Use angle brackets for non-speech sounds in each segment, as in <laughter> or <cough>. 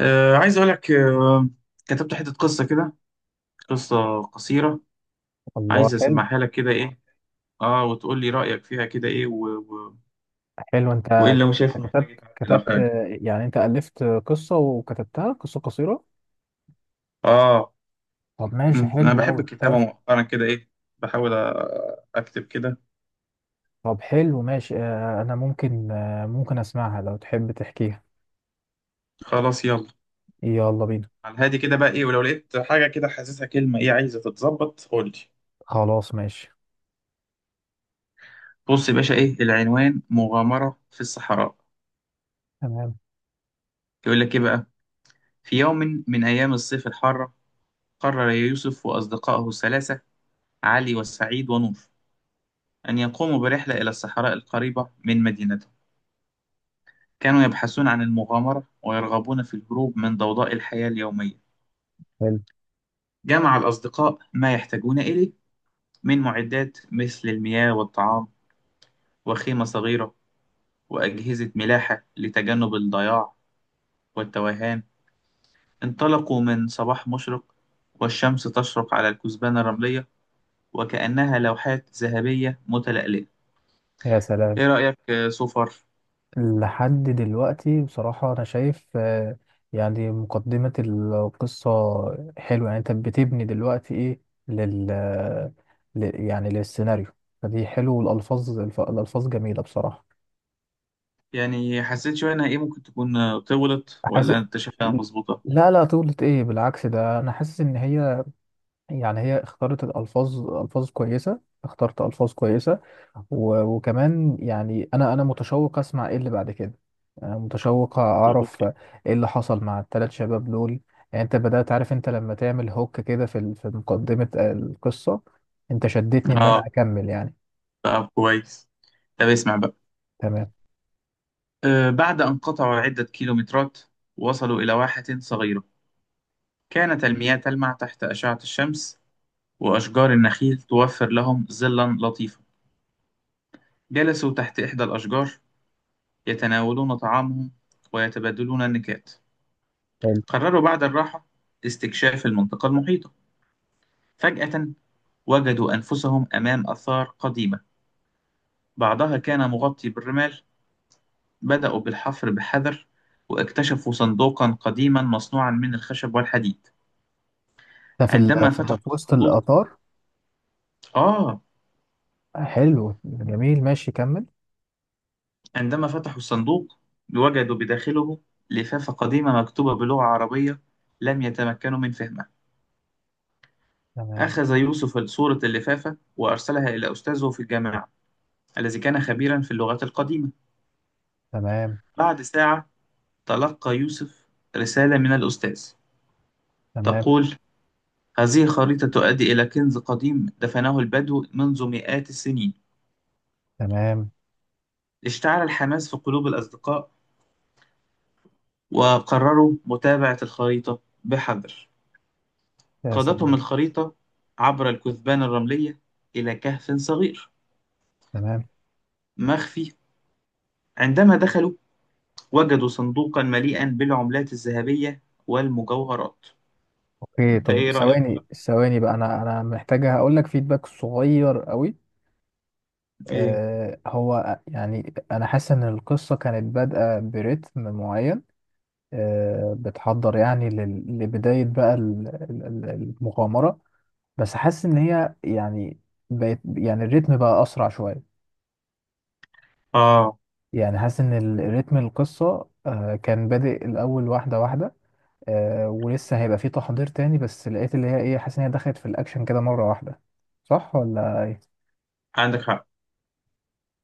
عايز أقول لك، كتبت حتة قصة كده. قصة قصيرة، الله. عايز حلو. أسمعها لك كده، إيه، وتقول لي رأيك فيها كده، إيه، حلو، انت وإيه اللي أنا أنت شايفه كتبت محتاج يتعدل أو كتبت حاجة. يعني انت ألفت قصة وكتبتها قصة قصيرة؟ آه. طب ماشي، أنا حلو بحب أوي، الكتابة تعرف. مؤخرا كده، إيه، بحاول أكتب كده. طب حلو ماشي، انا ممكن، ممكن اسمعها لو تحب تحكيها. خلاص يلا. يلا بينا. على الهادي كده بقى، إيه، ولو لقيت حاجة كده حاسسها كلمة، إيه، عايزة تتظبط قول لي. خلاص ماشي. بص يا باشا، إيه العنوان؟ مغامرة في الصحراء. تمام. يقول لك إيه بقى. في يوم من أيام الصيف الحارة، قرر يوسف وأصدقائه الثلاثة، علي وسعيد ونور، أن يقوموا برحلة إلى الصحراء القريبة من مدينتهم. كانوا يبحثون عن المغامرة ويرغبون في الهروب من ضوضاء الحياة اليومية. حلو. جمع الأصدقاء ما يحتاجون إليه من معدات، مثل المياه والطعام وخيمة صغيرة وأجهزة ملاحة لتجنب الضياع والتوهان. انطلقوا من صباح مشرق والشمس تشرق على الكثبان الرملية وكأنها لوحات ذهبية متلألئة. يا سلام. إيه رأيك سوفر؟ لحد دلوقتي بصراحة أنا شايف، يعني مقدمة القصة حلوة، يعني أنت بتبني دلوقتي إيه لل يعني للسيناريو، فدي حلو، والألفاظ الألفاظ جميلة بصراحة. يعني حسيت شوية إنها، إيه، ممكن تكون طولت حاسس، ولا أنت شايفها مظبوطة؟ لا طولت إيه، بالعكس ده أنا حاسس إن هي يعني هي اختارت الألفاظ، ألفاظ كويسة، اخترت ألفاظ كويسة. وكمان يعني أنا متشوق أسمع إيه اللي بعد كده، أنا متشوق أعرف اوكي. إيه اللي حصل مع الثلاث شباب دول. يعني أنت بدأت، عارف أنت لما تعمل هوك كده في في مقدمة القصة، أنت شدتني إن آه، أنا أكمل يعني. طب كويس. طب اسمع بقى. تمام. آه، بعد أن قطعوا عدة كيلومترات وصلوا إلى واحة صغيرة. كانت المياه تلمع تحت أشعة الشمس وأشجار النخيل توفر لهم ظلا لطيفا. جلسوا تحت إحدى الأشجار يتناولون طعامهم ويتبادلون النكات. حلو. قرروا بعد الراحة استكشاف المنطقة المحيطة. فجأة وجدوا أنفسهم أمام آثار قديمة بعضها كان مغطي بالرمال. بدأوا بالحفر بحذر واكتشفوا صندوقا قديما مصنوعا من الخشب والحديد. ده في عندما في ده فتحوا في وسط الصندوق، القطار. آه حلو جميل ماشي، كمل. عندما فتحوا الصندوق وجدوا بداخله لفافة قديمة مكتوبة بلغة عربية لم يتمكنوا من فهمها. تمام. أخذ يوسف صورة اللفافة وأرسلها إلى أستاذه في الجامعة الذي كان خبيرا في اللغات القديمة. تمام. بعد ساعة تلقى يوسف رسالة من الأستاذ تمام. تقول: هذه الخريطة تؤدي إلى كنز قديم دفنه البدو منذ مئات السنين. تمام. اشتعل الحماس في قلوب الأصدقاء وقرروا متابعة الخريطة بحذر. يا قادتهم سلام. الخريطة عبر الكثبان الرملية إلى كهف صغير تمام. مخفي. عندما دخلوا وجدوا صندوقا مليئا بالعملات الذهبية والمجوهرات. اوكي، انت طب ايه رأيك؟ ثواني ثواني بقى، انا محتاجه هقول لك فيدباك صغير قوي. ايه؟ آه، هو يعني انا حاسس ان القصه كانت بادئه برتم معين، آه، بتحضر يعني لبدايه بقى المغامره، بس حاسس ان هي يعني بقت يعني الريتم بقى اسرع شويه. اه، يعني حاسس ان الريتم القصه آه كان بادئ الاول واحده واحده، آه، ولسه هيبقى في تحضير تاني، بس لقيت اللي هي ايه، حاسس ان هي دخلت في الاكشن كده مرة واحدة، صح ولا ايه؟ عندك حق.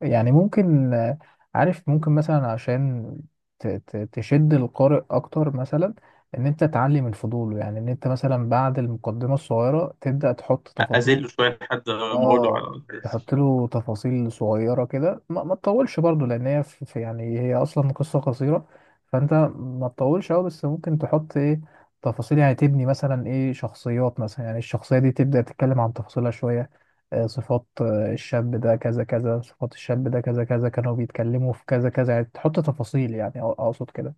يعني ممكن، عارف ممكن مثلا عشان تشد القارئ اكتر، مثلا ان انت تعلي من فضوله، يعني ان انت مثلا بعد المقدمة الصغيرة تبدأ تحط تفاصيل. أزله شوية لحد ما أقوله على اه، اللي بيحصل. تحط له تفاصيل صغيرة كده، ما تطولش برضو، لان هي في يعني هي اصلا قصة قصيرة، فانت ما تطولش قوي، بس ممكن تحط ايه، تفاصيل، يعني تبني مثلا ايه شخصيات، مثلا يعني الشخصية دي تبدأ تتكلم عن تفاصيلها شوية، صفات، الشاب ده كذا كذا، صفات الشاب ده كذا كذا، كانوا بيتكلموا في كذا كذا، يعني تحط تفاصيل يعني، اقصد كده.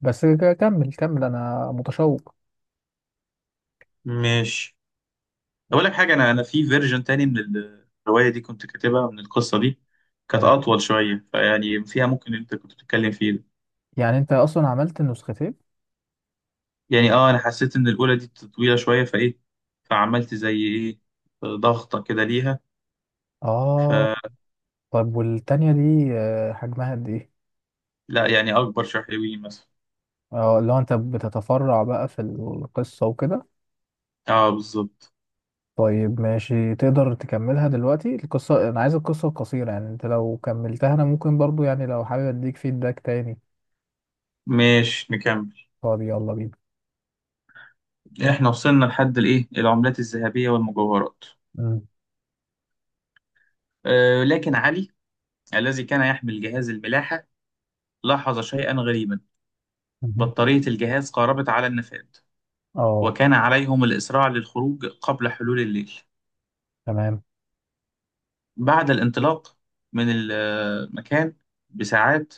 بس كمل كمل، انا متشوق. ماشي. اقول لك حاجه، انا في فيرجن تاني من الروايه دي كنت كاتبها، من القصه دي. كانت تمام. اطول شويه، فيعني فيها ممكن انت كنت بتتكلم فيه ده. يعني انت اصلا عملت النسختين؟ يعني اه، انا حسيت ان الاولى دي طويله شويه، فايه، فعملت زي ايه، ضغطه كده ليها. اه، فلا. طب والتانية دي آه، حجمها قد ايه؟ يعني اكبر شحيوي مثلا. اه، لو انت بتتفرع بقى في القصة وكده. اه بالظبط. طيب ماشي، تقدر تكملها دلوقتي القصة؟ انا عايز القصة القصيرة، يعني انت لو كملتها انا ممكن برضو يعني لو حابب اديك فيدباك تاني، ماشي نكمل. طب يلا بينا. احنا وصلنا لحد الايه، العملات الذهبيه والمجوهرات. مم. آه لكن علي، الذي كان يحمل جهاز الملاحه، لاحظ شيئا غريبا. مهم. بطاريه الجهاز قاربت على النفاد، اه. وكان عليهم الإسراع للخروج قبل حلول الليل. تمام. بعد الانطلاق من المكان بساعات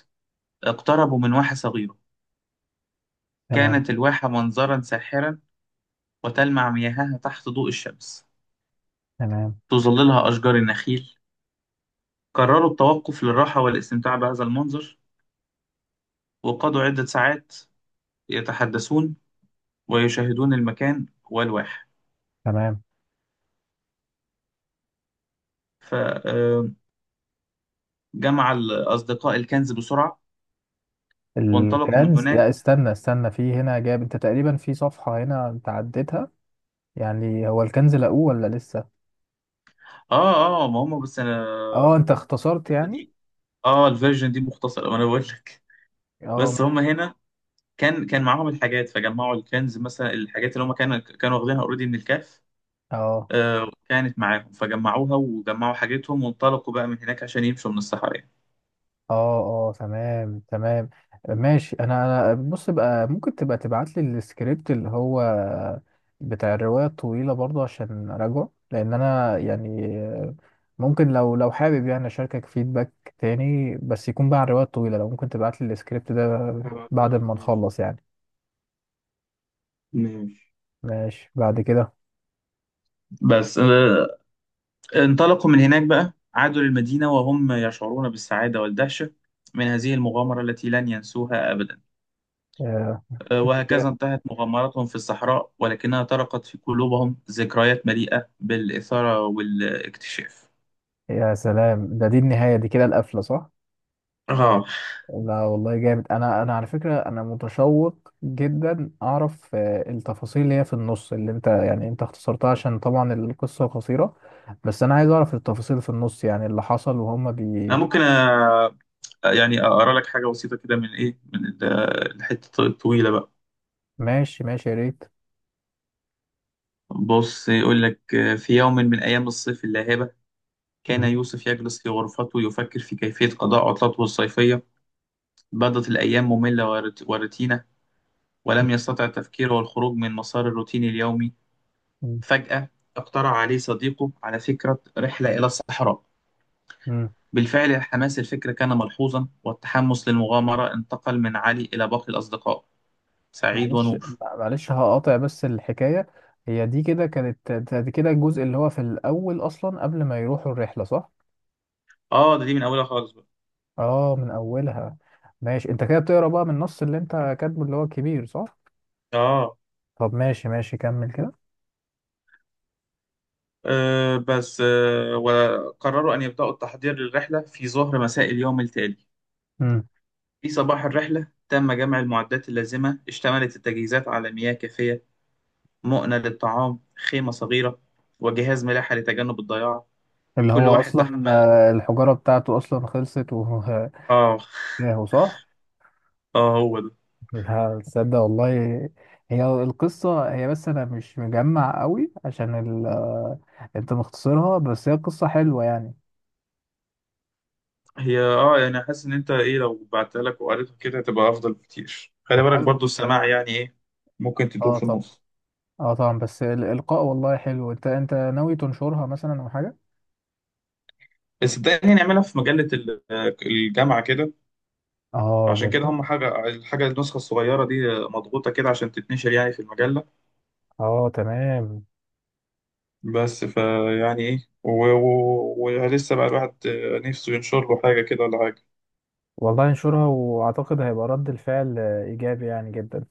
اقتربوا من واحة صغيرة. تمام. كانت الواحة منظرا ساحرا وتلمع مياهها تحت ضوء الشمس، تمام. تظللها أشجار النخيل. قرروا التوقف للراحة والاستمتاع بهذا المنظر، وقضوا عدة ساعات يتحدثون ويشاهدون المكان والواحة. تمام. فجمع الأصدقاء الكنز بسرعة وانطلقوا من الكنز، هناك. لا استنى استنى، في هنا جاب انت تقريبا في صفحة هنا انت عديتها. يعني هو الكنز لقوه ولا لسه؟ آه آه، ما هم، بس أنا اه انت اختصرت الحتة يعني؟ دي، اه الفيرجن دي مختصرة، وانا بقول لك. اه بس هم ماشي. هنا كان معاهم الحاجات، فجمعوا الكنز مثلا الحاجات اللي هم كانوا واخدينها اوريدي من الكهف، اه. آه كانت معاهم، فجمعوها وجمعوا حاجتهم وانطلقوا بقى من هناك عشان يمشوا من الصحراء يعني. اه. اه تمام تمام. ماشي. انا بص بقى، ممكن تبقى تبعت لي السكريبت اللي هو بتاع الرواية الطويلة برضه عشان اراجعه، لان انا يعني ممكن لو لو حابب يعني اشاركك فيدباك تاني، بس يكون بقى عن الرواية الطويلة. لو ممكن تبعت لي السكريبت ده بعد هبعتهولك. ما ماشي نخلص يعني. ماشي. ماشي بعد كده. بس انطلقوا من هناك بقى، عادوا للمدينة وهم يشعرون بالسعادة والدهشة من هذه المغامرة التي لن ينسوها أبدا. آه، دي كده، وهكذا انتهت مغامراتهم في الصحراء ولكنها طرقت في قلوبهم ذكريات مليئة بالإثارة والاكتشاف. يا سلام، ده دي النهاية، دي كده القفلة صح؟ اه. لا والله جامد، انا على فكره انا متشوق جدا اعرف، التفاصيل اللي هي في النص اللي انت يعني انت اختصرتها عشان طبعا القصه قصيره، بس انا عايز اعرف التفاصيل في النص، يعني اللي حصل وهم انا بي. ممكن يعني اقرا لك حاجة بسيطة كده من، ايه، الحتة الطويلة بقى. ماشي ماشي، يا ريت. بص يقول لك، في يوم من أيام الصيف اللاهبة، كان مهم. يوسف يجلس في غرفته يفكر في كيفية قضاء عطلته الصيفية. بدت الأيام مملة وروتينة، ولم يستطع التفكير والخروج من مسار الروتين اليومي. مهم. فجأة اقترح عليه صديقه على فكرة رحلة إلى الصحراء. مم. بالفعل حماس الفكرة كان ملحوظا، والتحمس للمغامرة انتقل من علي إلى باقي الأصدقاء، سعيد معلش، ونور. معلش هقاطع بس الحكايه، هي دي كده كانت، دي كده الجزء اللي هو في الاول اصلا قبل ما يروحوا الرحله صح؟ آه، ده دي من أولها خالص بقى. اه من اولها. ماشي، انت كده بتقرا بقى من النص اللي انت كاتبه اللي هو الكبير صح؟ آه. طب ماشي ماشي، كمل كده. آه، بس آه وقرروا أن يبدأوا التحضير للرحلة في ظهر مساء اليوم التالي. امم في صباح الرحلة تم جمع المعدات اللازمة. اشتملت التجهيزات على مياه كافية، مؤنة للطعام، خيمة صغيرة، وجهاز ملاحة لتجنب الضياع. اللي كل هو واحد اصلا، تحمل، الحجاره بتاعته اصلا خلصت وهو آه. <laughs> صح. اه هو ده. لا تصدق والله، هي القصه هي بس انا مش مجمع قوي عشان انت مختصرها، بس هي قصه حلوه يعني. هي اه، يعني حاسس ان انت، ايه، لو بعتها لك وقريتها كده هتبقى افضل بكتير. خلي طب بالك حلو. برضو السماع يعني ايه. ممكن تدور اه في طب، النص. اه طبعا، بس الالقاء والله حلو. انت، انت ناوي تنشرها مثلا او حاجه؟ بس صدقني نعملها في مجلة الجامعة كده. اه عشان كده جميل. هم حاجة، الحاجة النسخة الصغيرة دي مضغوطة كده عشان تتنشر يعني في المجلة. اه تمام. بس فيعني ايه، ولسه بقى الواحد نفسه ينشر له حاجة كده ولا حاجة. والله انشرها، واعتقد هيبقى رد الفعل ايجابي يعني جدا،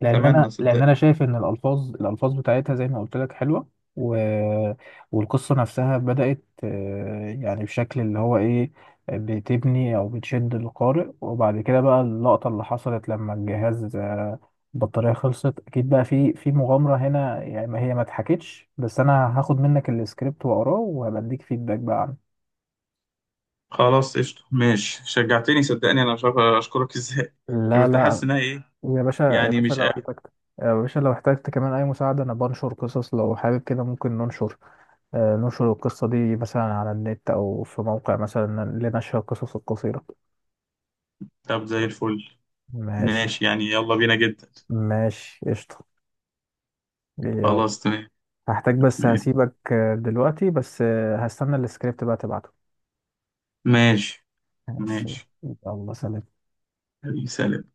لان انا، أتمنى لان صدقني. انا شايف ان الالفاظ، الالفاظ بتاعتها زي ما قلت لك حلوه. و... والقصه نفسها بدات، آه، يعني بشكل اللي هو ايه، بتبني او بتشد القارئ، وبعد كده بقى اللقطه اللي حصلت لما الجهاز آه، البطاريه خلصت، اكيد بقى في في مغامره هنا يعني ما هي ما اتحكتش، بس انا هاخد منك السكريبت واقراه وهبديك فيدباك بقى عنه. خلاص قشطة ماشي. شجعتني صدقني، أنا مش عارف أشكرك <laughs> إزاي. أنا لا كنت حاسس لا، إنها إيه، يا باشا، يا يعني باشا مش. لو احتجت، يا باشا لو احتجت كمان اي مساعده، انا بنشر قصص لو حابب كده ممكن ننشر، نشر القصة دي مثلا على النت أو في موقع مثلا لنشر القصص القصيرة. طب زي الفل. ماشي. ماشي يعني، يلا بينا جدا. ماشي قشطة. يلا. خلاص تمام. هحتاج بس هسيبك، دلوقتي بس، هستنى السكريبت بقى تبعته. ماشي ماشي. ماشي. يلا سلام. حبيبي، سلام.